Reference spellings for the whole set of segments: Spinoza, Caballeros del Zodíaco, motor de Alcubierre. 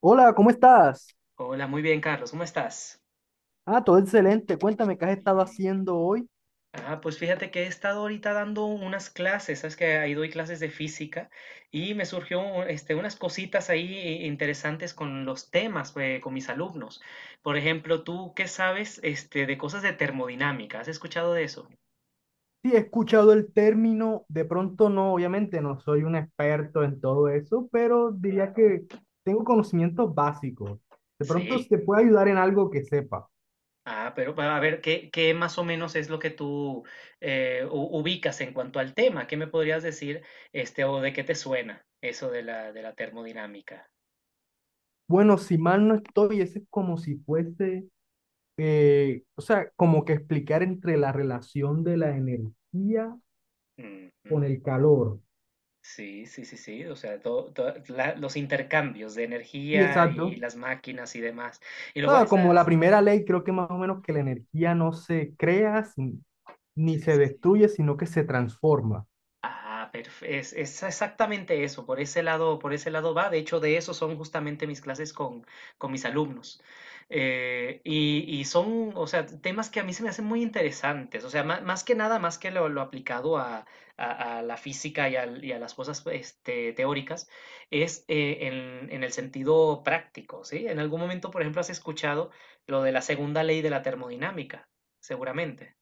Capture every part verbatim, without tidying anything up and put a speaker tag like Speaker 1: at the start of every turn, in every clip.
Speaker 1: Hola, ¿cómo estás?
Speaker 2: Hola, muy bien, Carlos, ¿cómo estás?
Speaker 1: Ah, todo excelente. Cuéntame qué has estado
Speaker 2: Bien.
Speaker 1: haciendo hoy.
Speaker 2: Ah, pues fíjate que he estado ahorita dando unas clases, sabes que ahí doy clases de física y me surgió un- este, unas cositas ahí eh, interesantes con los temas, eh, con mis alumnos. Por ejemplo, ¿tú qué sabes este, de cosas de termodinámica? ¿Has escuchado de eso?
Speaker 1: Sí, he escuchado el término, de pronto no, obviamente no soy un experto en todo eso, pero diría
Speaker 2: Claro.
Speaker 1: que tengo conocimientos básicos. De pronto se
Speaker 2: Sí.
Speaker 1: te puede ayudar en algo que sepa.
Speaker 2: Ah, pero va, a ver, ¿qué, ¿qué más o menos es lo que tú eh, u- ubicas en cuanto al tema? ¿Qué me podrías decir este, o de qué te suena eso de la, de la termodinámica?
Speaker 1: Bueno, si mal no estoy, ese es como si fuese, eh, o sea, como que explicar entre la relación de la energía
Speaker 2: Ujú.
Speaker 1: con el calor.
Speaker 2: Sí, sí, sí, sí. O sea, todo, toda la- los intercambios de
Speaker 1: Sí,
Speaker 2: energía y
Speaker 1: exacto.
Speaker 2: las máquinas y demás. Y
Speaker 1: O
Speaker 2: luego bueno.
Speaker 1: sea, como la primera ley, creo que más o menos que la energía no se crea sin- ni
Speaker 2: Sí,
Speaker 1: se
Speaker 2: sí, sí.
Speaker 1: destruye, sino que se transforma.
Speaker 2: Ah, perfecto. Es, es exactamente eso. Por ese lado, por ese lado va. De hecho, de eso son justamente mis clases con, con mis alumnos. Eh, y, y son, o sea, temas que a mí se me hacen muy interesantes. O sea, ma- más, que nada, más que lo, lo aplicado a, a- a la física y, al- y a las cosas este, teóricas, es eh, en, en el sentido práctico, ¿sí? En algún momento, por ejemplo, has escuchado lo de la segunda ley de la termodinámica, seguramente.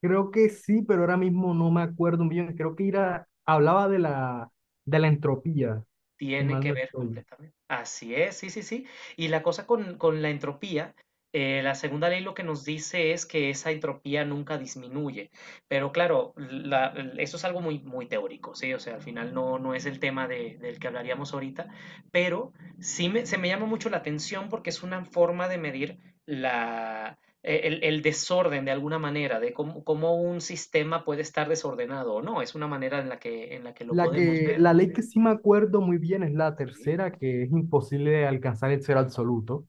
Speaker 1: Creo que sí, pero ahora mismo no me acuerdo bien. Creo que era, hablaba de la, de la entropía, si
Speaker 2: Tiene
Speaker 1: mal
Speaker 2: que
Speaker 1: no
Speaker 2: ver
Speaker 1: estoy.
Speaker 2: completamente. Así es, sí, sí, sí. Y la cosa con, con la entropía, eh, la segunda ley lo que nos dice es que esa entropía nunca disminuye. Pero claro, la- el- eso es algo muy, muy teórico, ¿sí? O sea, al final no, no es el tema de- del que hablaríamos ahorita, pero sí me- se me llama mucho la atención porque es una forma de medir la, eh, el, el desorden de alguna manera, de cómo, cómo un sistema puede estar desordenado o no. Es una manera en la que, en la que lo
Speaker 1: La
Speaker 2: podemos
Speaker 1: que,
Speaker 2: ver,
Speaker 1: la ley que sí me acuerdo muy bien es la
Speaker 2: ¿sí?
Speaker 1: tercera, que es imposible alcanzar el cero absoluto.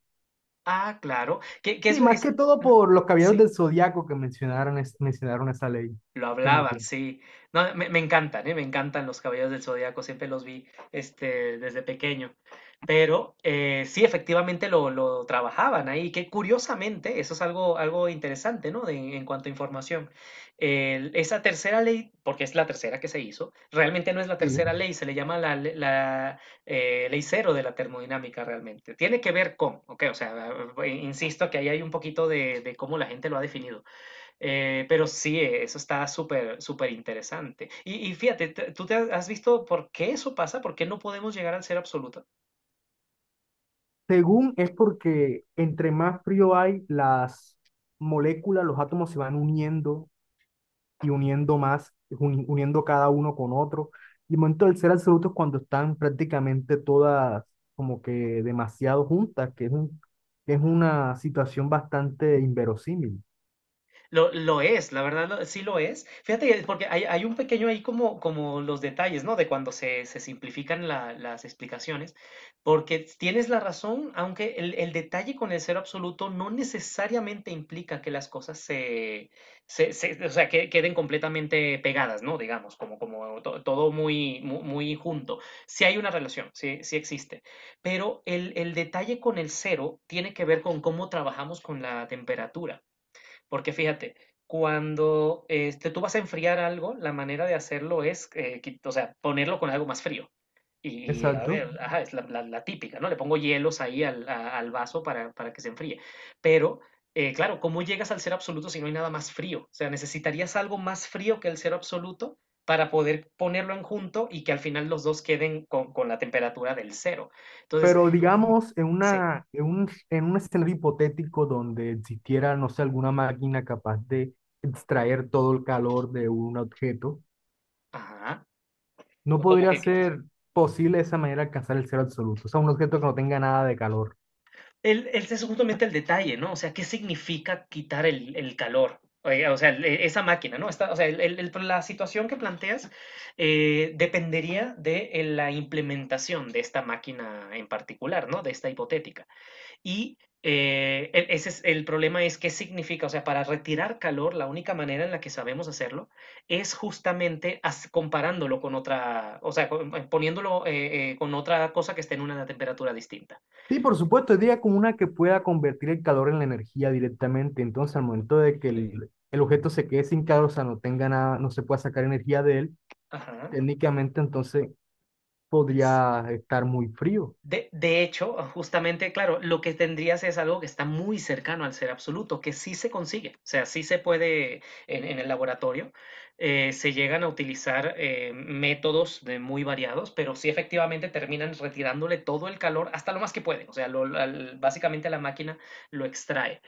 Speaker 2: Ah, claro. Que, que
Speaker 1: Sí,
Speaker 2: es,
Speaker 1: más
Speaker 2: esa-
Speaker 1: que todo
Speaker 2: ujú,
Speaker 1: por los caballeros
Speaker 2: sí.
Speaker 1: del zodiaco que mencionaron, es- mencionaron esa ley.
Speaker 2: Lo
Speaker 1: Sí, me
Speaker 2: hablaban,
Speaker 1: acuerdo.
Speaker 2: sí. No, me, me encantan, ¿eh? Me encantan los Caballeros del Zodíaco, siempre los vi este, desde pequeño. Pero eh, sí, efectivamente lo, lo trabajaban ahí, que curiosamente, eso es algo, algo interesante, ¿no? De- en cuanto a información. El- esa tercera ley, porque es la tercera que se hizo, realmente no es la tercera
Speaker 1: Sí.
Speaker 2: ley, se le llama la, le- la, eh, ley cero de la termodinámica realmente. Tiene que ver con, ok, o sea, eh, insisto que ahí hay un poquito de de cómo la gente lo ha definido, eh, pero sí, eh, eso está súper, súper interesante. Y, y fíjate, te- ¿tú te has has visto por qué eso pasa? ¿Por qué no podemos llegar al ser absoluto?
Speaker 1: Según es porque entre más frío hay, las moléculas, los átomos se van uniendo y uniendo más, uni- uniendo cada uno con otro. Y el momento del ser absoluto es cuando están prácticamente todas como que demasiado juntas, que es un, que es una situación bastante inverosímil.
Speaker 2: Lo, lo es, la verdad lo- sí lo es. Fíjate, porque hay, hay un pequeño ahí como, como los detalles, ¿no? De cuando se, se simplifican la- las explicaciones, porque tienes la razón, aunque el, el detalle con el cero absoluto no necesariamente implica que las cosas se, se, se- o sea, que queden completamente pegadas, ¿no? Digamos, como, como to- todo muy, mu- muy, junto. Sí hay una relación, sí, sí existe. Pero el, el detalle con el cero tiene que ver con cómo trabajamos con la temperatura. Porque fíjate, cuando este, tú vas a enfriar algo, la manera de hacerlo es, eh, qui- o sea, ponerlo con algo más frío. Y, a
Speaker 1: Exacto.
Speaker 2: ver, ajá, es la, la- la típica, ¿no? Le pongo hielos ahí al, a- al vaso para, para que se enfríe. Pero, eh, claro, ¿cómo llegas al cero absoluto si no hay nada más frío? O sea, necesitarías algo más frío que el cero absoluto para poder ponerlo en junto y que al final los dos queden con, con la temperatura del cero. Entonces,
Speaker 1: Pero digamos, en
Speaker 2: sí,
Speaker 1: una, en un, en un escenario hipotético donde existiera, no sé, alguna máquina capaz de extraer todo el calor de un objeto.
Speaker 2: ajá,
Speaker 1: No
Speaker 2: como
Speaker 1: podría
Speaker 2: que, que pues,
Speaker 1: ser posible de esa manera alcanzar el cero absoluto, o sea, un objeto que no tenga nada de calor.
Speaker 2: el, el- es justamente el detalle, ¿no? O sea, ¿qué significa quitar el, el calor? Oye, o sea, el- e- esa máquina, ¿no? Está, o sea, el- el- el- la situación que planteas eh, dependería de eh, la implementación de esta máquina en particular, ¿no? De esta hipotética. Y eh, el, ese es, el problema es qué significa, o sea, para retirar calor, la única manera en la que sabemos hacerlo es justamente as- comparándolo con otra, o sea, con- poniéndolo eh, eh, con otra cosa que esté en una temperatura distinta.
Speaker 1: Sí, por supuesto, diría como una que pueda convertir el calor en la energía directamente. Entonces, al momento de que
Speaker 2: Sí.
Speaker 1: el, el objeto se quede sin calor, o sea, no tenga nada, no se pueda sacar energía de él,
Speaker 2: Ajá.
Speaker 1: técnicamente entonces podría estar muy frío.
Speaker 2: De, de hecho, justamente, claro, lo que tendrías es algo que está muy cercano al ser absoluto, que sí se consigue, o sea, sí se puede en, en el laboratorio, eh, se llegan a utilizar eh, métodos de muy variados, pero sí efectivamente terminan retirándole todo el calor hasta lo más que pueden, o sea, lo- al- básicamente la máquina lo extrae.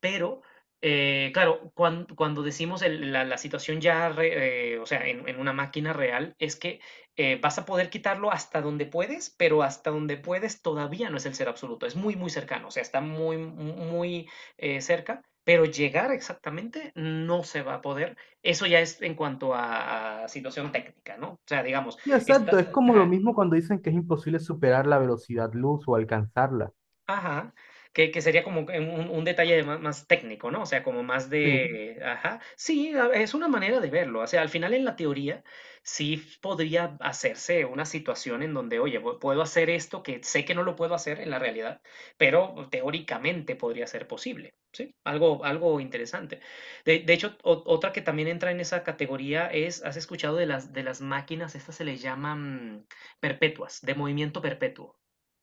Speaker 2: Pero, eh, claro, cuan- cuando decimos el- la, la situación ya, re- eh, o sea, en, en una máquina real, es que eh, vas a poder quitarlo hasta donde puedes, pero hasta donde puedes todavía no es el ser absoluto, es muy, muy cercano, o sea, está muy, mu- muy eh, cerca, pero llegar exactamente no se va a poder. Eso ya es en cuanto a, a situación técnica, ¿no? O sea, digamos,
Speaker 1: Y
Speaker 2: está,
Speaker 1: exacto, es como lo mismo cuando dicen que es imposible superar la velocidad luz o alcanzarla.
Speaker 2: ajá, que, que sería como que un, un detalle de más, más técnico, ¿no? O sea, como más
Speaker 1: Sí,
Speaker 2: de, ajá, sí, a- es una manera de verlo. O sea, al final en la teoría sí f- podría hacerse una situación en donde, oye, pu- puedo hacer esto que sé que no lo puedo hacer en la realidad, pero mm, teóricamente podría ser posible, ¿sí? Algo, algo interesante. De, de hecho, o- otra que también entra en esa categoría es, ¿has escuchado de las, de las máquinas? Estas se les llaman mm, perpetuas, de movimiento perpetuo.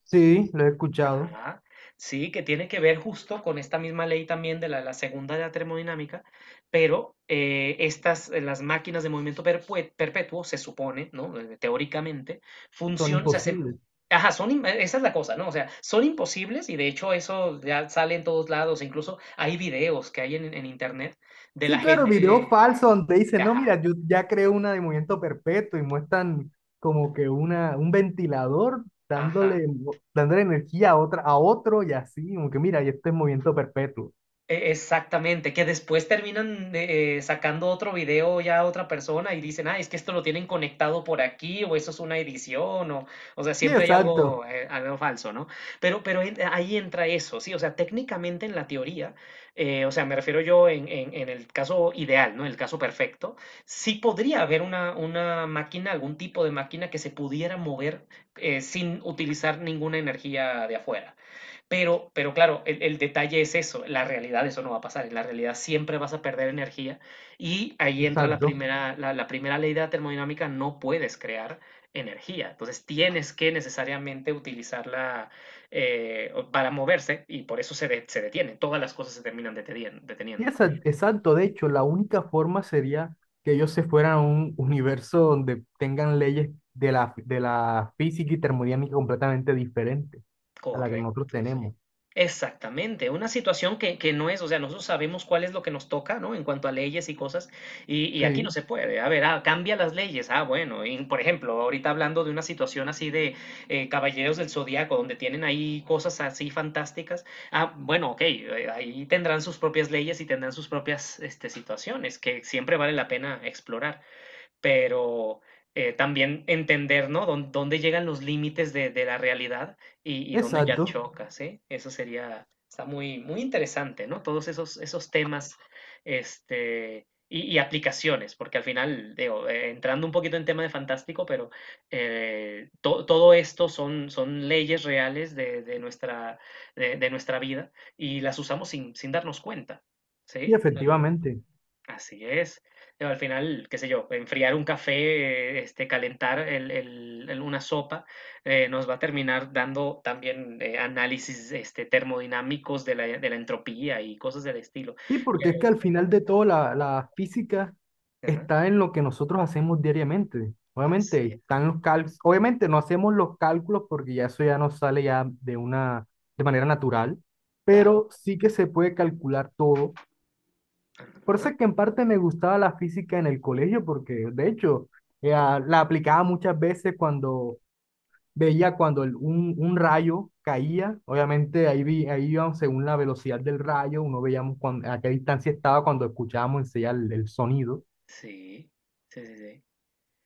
Speaker 1: sí, lo he escuchado,
Speaker 2: Ajá. Sí, que tiene que ver justo con esta misma ley también de la, la segunda de la termodinámica, pero eh, estas, eh, las máquinas de movimiento perpue- perpetuo, se supone, ¿no? Eh, teóricamente,
Speaker 1: son
Speaker 2: funcionan, o sea, se-
Speaker 1: imposibles.
Speaker 2: ajá, son, im- esa es la cosa, ¿no? O sea, son imposibles y de hecho eso ya sale en todos lados, incluso hay videos que hay en, en internet de la
Speaker 1: Sí, claro, video
Speaker 2: gente,
Speaker 1: falso donde dicen, no,
Speaker 2: ajá,
Speaker 1: mira, yo ya creo una de movimiento perpetuo y muestran como que una, un ventilador
Speaker 2: ajá.
Speaker 1: dándole, dándole energía a otra, a otro y así, como que mira, y este es movimiento perpetuo.
Speaker 2: E- Exactamente, que después terminan eh, sacando otro video ya a otra persona y dicen, ah, es que esto lo tienen conectado por aquí o eso es una edición o, o sea,
Speaker 1: Sí,
Speaker 2: siempre hay
Speaker 1: exacto,
Speaker 2: algo, eh, algo falso, ¿no? Pero, pero en- ahí entra eso, sí, o sea, técnicamente en la teoría, eh, o sea, me refiero yo en, en- en el caso ideal, ¿no? El caso perfecto, sí podría haber una, una máquina, algún tipo de máquina que se pudiera mover eh, sin utilizar ninguna energía de afuera. Pero, pero claro, el, el detalle es eso, la realidad eso no va a pasar, en la realidad siempre vas a perder energía y ahí entra la
Speaker 1: exacto.
Speaker 2: primera, la, la primera ley de la termodinámica, no puedes crear energía, entonces tienes que necesariamente utilizarla eh, para moverse y por eso se, de- se detiene, todas las cosas se terminan deteni-
Speaker 1: Sí,
Speaker 2: deteniendo.
Speaker 1: exa- exacto. De hecho, la única forma sería que ellos se fueran a un universo donde tengan leyes de la, de la física y termodinámica completamente diferentes a la que nosotros
Speaker 2: Correcto, sí.
Speaker 1: tenemos.
Speaker 2: Exactamente, una situación que, que no es, o sea, nosotros sabemos cuál es lo que nos toca, ¿no? En cuanto a leyes y cosas, y, y aquí no
Speaker 1: Sí,
Speaker 2: se puede. A ver, ah, cambia las leyes. Ah, bueno, y por ejemplo, ahorita hablando de una situación así de eh, Caballeros del Zodíaco, donde tienen ahí cosas así fantásticas. Ah, bueno, ok, eh, ahí tendrán sus propias leyes y tendrán sus propias este, situaciones que siempre vale la pena explorar pero eh, también entender, ¿no? Dón- dónde llegan los límites de, de la realidad y, y dónde ya
Speaker 1: exacto.
Speaker 2: chocas, ¿eh? Eso sería, está muy, muy interesante, ¿no? Todos esos, esos temas, este, y, y aplicaciones, porque al final, digo, eh, entrando un poquito en tema de fantástico, pero eh, to- todo esto son, son leyes reales de, de nuestra, de, de nuestra vida y las usamos sin, sin darnos cuenta,
Speaker 1: Sí,
Speaker 2: ¿sí?
Speaker 1: efectivamente.
Speaker 2: Así es. Digo, al final, qué sé yo, enfriar un café, este, calentar el- el- el- una sopa, eh, nos va a terminar dando también eh, análisis este, termodinámicos de la, de la entropía y cosas del estilo.
Speaker 1: Sí, porque
Speaker 2: Pero-
Speaker 1: es que al final de todo la, la física
Speaker 2: ajá,
Speaker 1: está en lo que nosotros hacemos diariamente. Obviamente
Speaker 2: así es,
Speaker 1: están los cálculos, obviamente no hacemos los cálculos porque ya eso ya nos sale ya de una de manera natural,
Speaker 2: claro.
Speaker 1: pero sí que se puede calcular todo. Por eso
Speaker 2: Ajá,
Speaker 1: es que en parte me gustaba la física en el colegio porque de hecho eh, ah, la aplicaba muchas veces cuando veía cuando el- un, un rayo caía, obviamente ahí, vi, ahí íbamos según la velocidad del rayo, uno veíamos cuán- a qué distancia estaba cuando escuchábamos enseguida el, el sonido.
Speaker 2: sí, sí, sí, sí.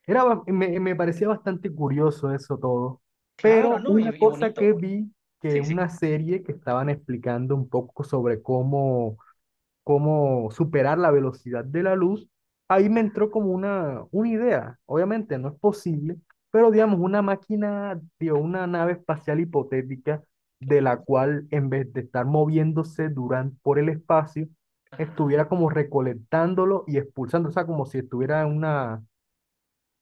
Speaker 1: Era, ba- me, me parecía bastante curioso eso todo,
Speaker 2: Claro,
Speaker 1: pero
Speaker 2: ¿no?
Speaker 1: una
Speaker 2: Y, y
Speaker 1: cosa que
Speaker 2: bonito.
Speaker 1: vi, que
Speaker 2: Sí,
Speaker 1: en
Speaker 2: sí.
Speaker 1: una serie que estaban explicando un poco sobre cómo cómo superar la velocidad de la luz, ahí me
Speaker 2: Ah,
Speaker 1: entró como una, una idea. Obviamente no es posible, pero
Speaker 2: ah,
Speaker 1: digamos, una máquina, digo, una nave espacial hipotética de la
Speaker 2: claro.
Speaker 1: cual en vez de estar moviéndose durante, por el espacio,
Speaker 2: Ajá,
Speaker 1: estuviera como recolectándolo y expulsando, o sea, como si estuviera en una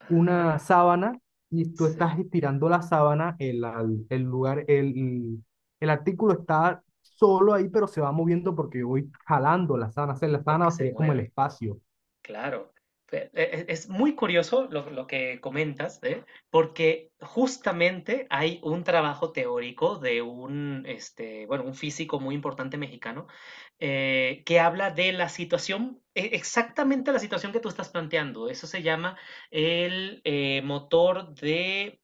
Speaker 1: una
Speaker 2: ajá,
Speaker 1: sábana y tú estás
Speaker 2: sí,
Speaker 1: estirando la sábana, el, al- el lugar, el, el artículo está solo ahí, pero se va moviendo porque yo voy jalando la sábana. O sea, la
Speaker 2: porque
Speaker 1: sábana
Speaker 2: se
Speaker 1: sería como el
Speaker 2: mueve.
Speaker 1: espacio.
Speaker 2: Claro, Fe- e- e- es muy curioso lo, lo que comentas, ¿eh? Porque justamente hay un trabajo teórico de un, este, bueno, un físico muy importante mexicano eh, que habla de la situación, e- exactamente la situación que tú estás planteando. Eso se llama el eh, motor de...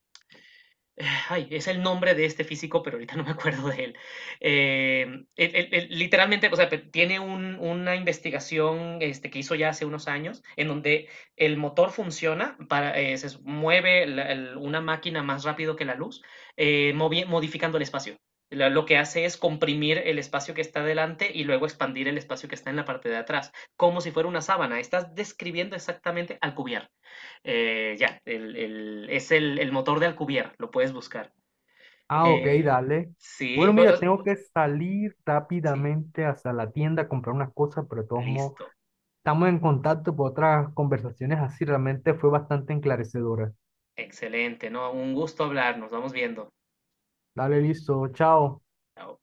Speaker 2: Ay, es el nombre de este físico, pero ahorita no me acuerdo de él. Eh, él- él- él literalmente, o sea, pe- tiene un- una investigación este, que hizo ya hace unos años, en donde el motor funciona, para, eh, se s- mueve la- el- una máquina más rápido que la luz, eh, movi- modificando el espacio. Lo, lo que hace es comprimir el espacio que está delante y luego expandir el espacio que está en la parte de atrás, como si fuera una sábana. Estás describiendo exactamente al cubierto. Eh, ya, el, el- es el, el motor de Alcubierre, lo puedes buscar.
Speaker 1: Ah, ok,
Speaker 2: Eh,
Speaker 1: dale.
Speaker 2: sí,
Speaker 1: Bueno,
Speaker 2: bueno,
Speaker 1: mira, tengo que salir
Speaker 2: sí,
Speaker 1: rápidamente hacia la tienda a comprar unas cosas, pero de todos modos,
Speaker 2: listo,
Speaker 1: estamos en contacto por otras conversaciones así. Realmente fue bastante enclarecedora.
Speaker 2: excelente, ¿no? Un gusto hablar, nos vamos viendo.
Speaker 1: Dale, listo, chao.
Speaker 2: Chao.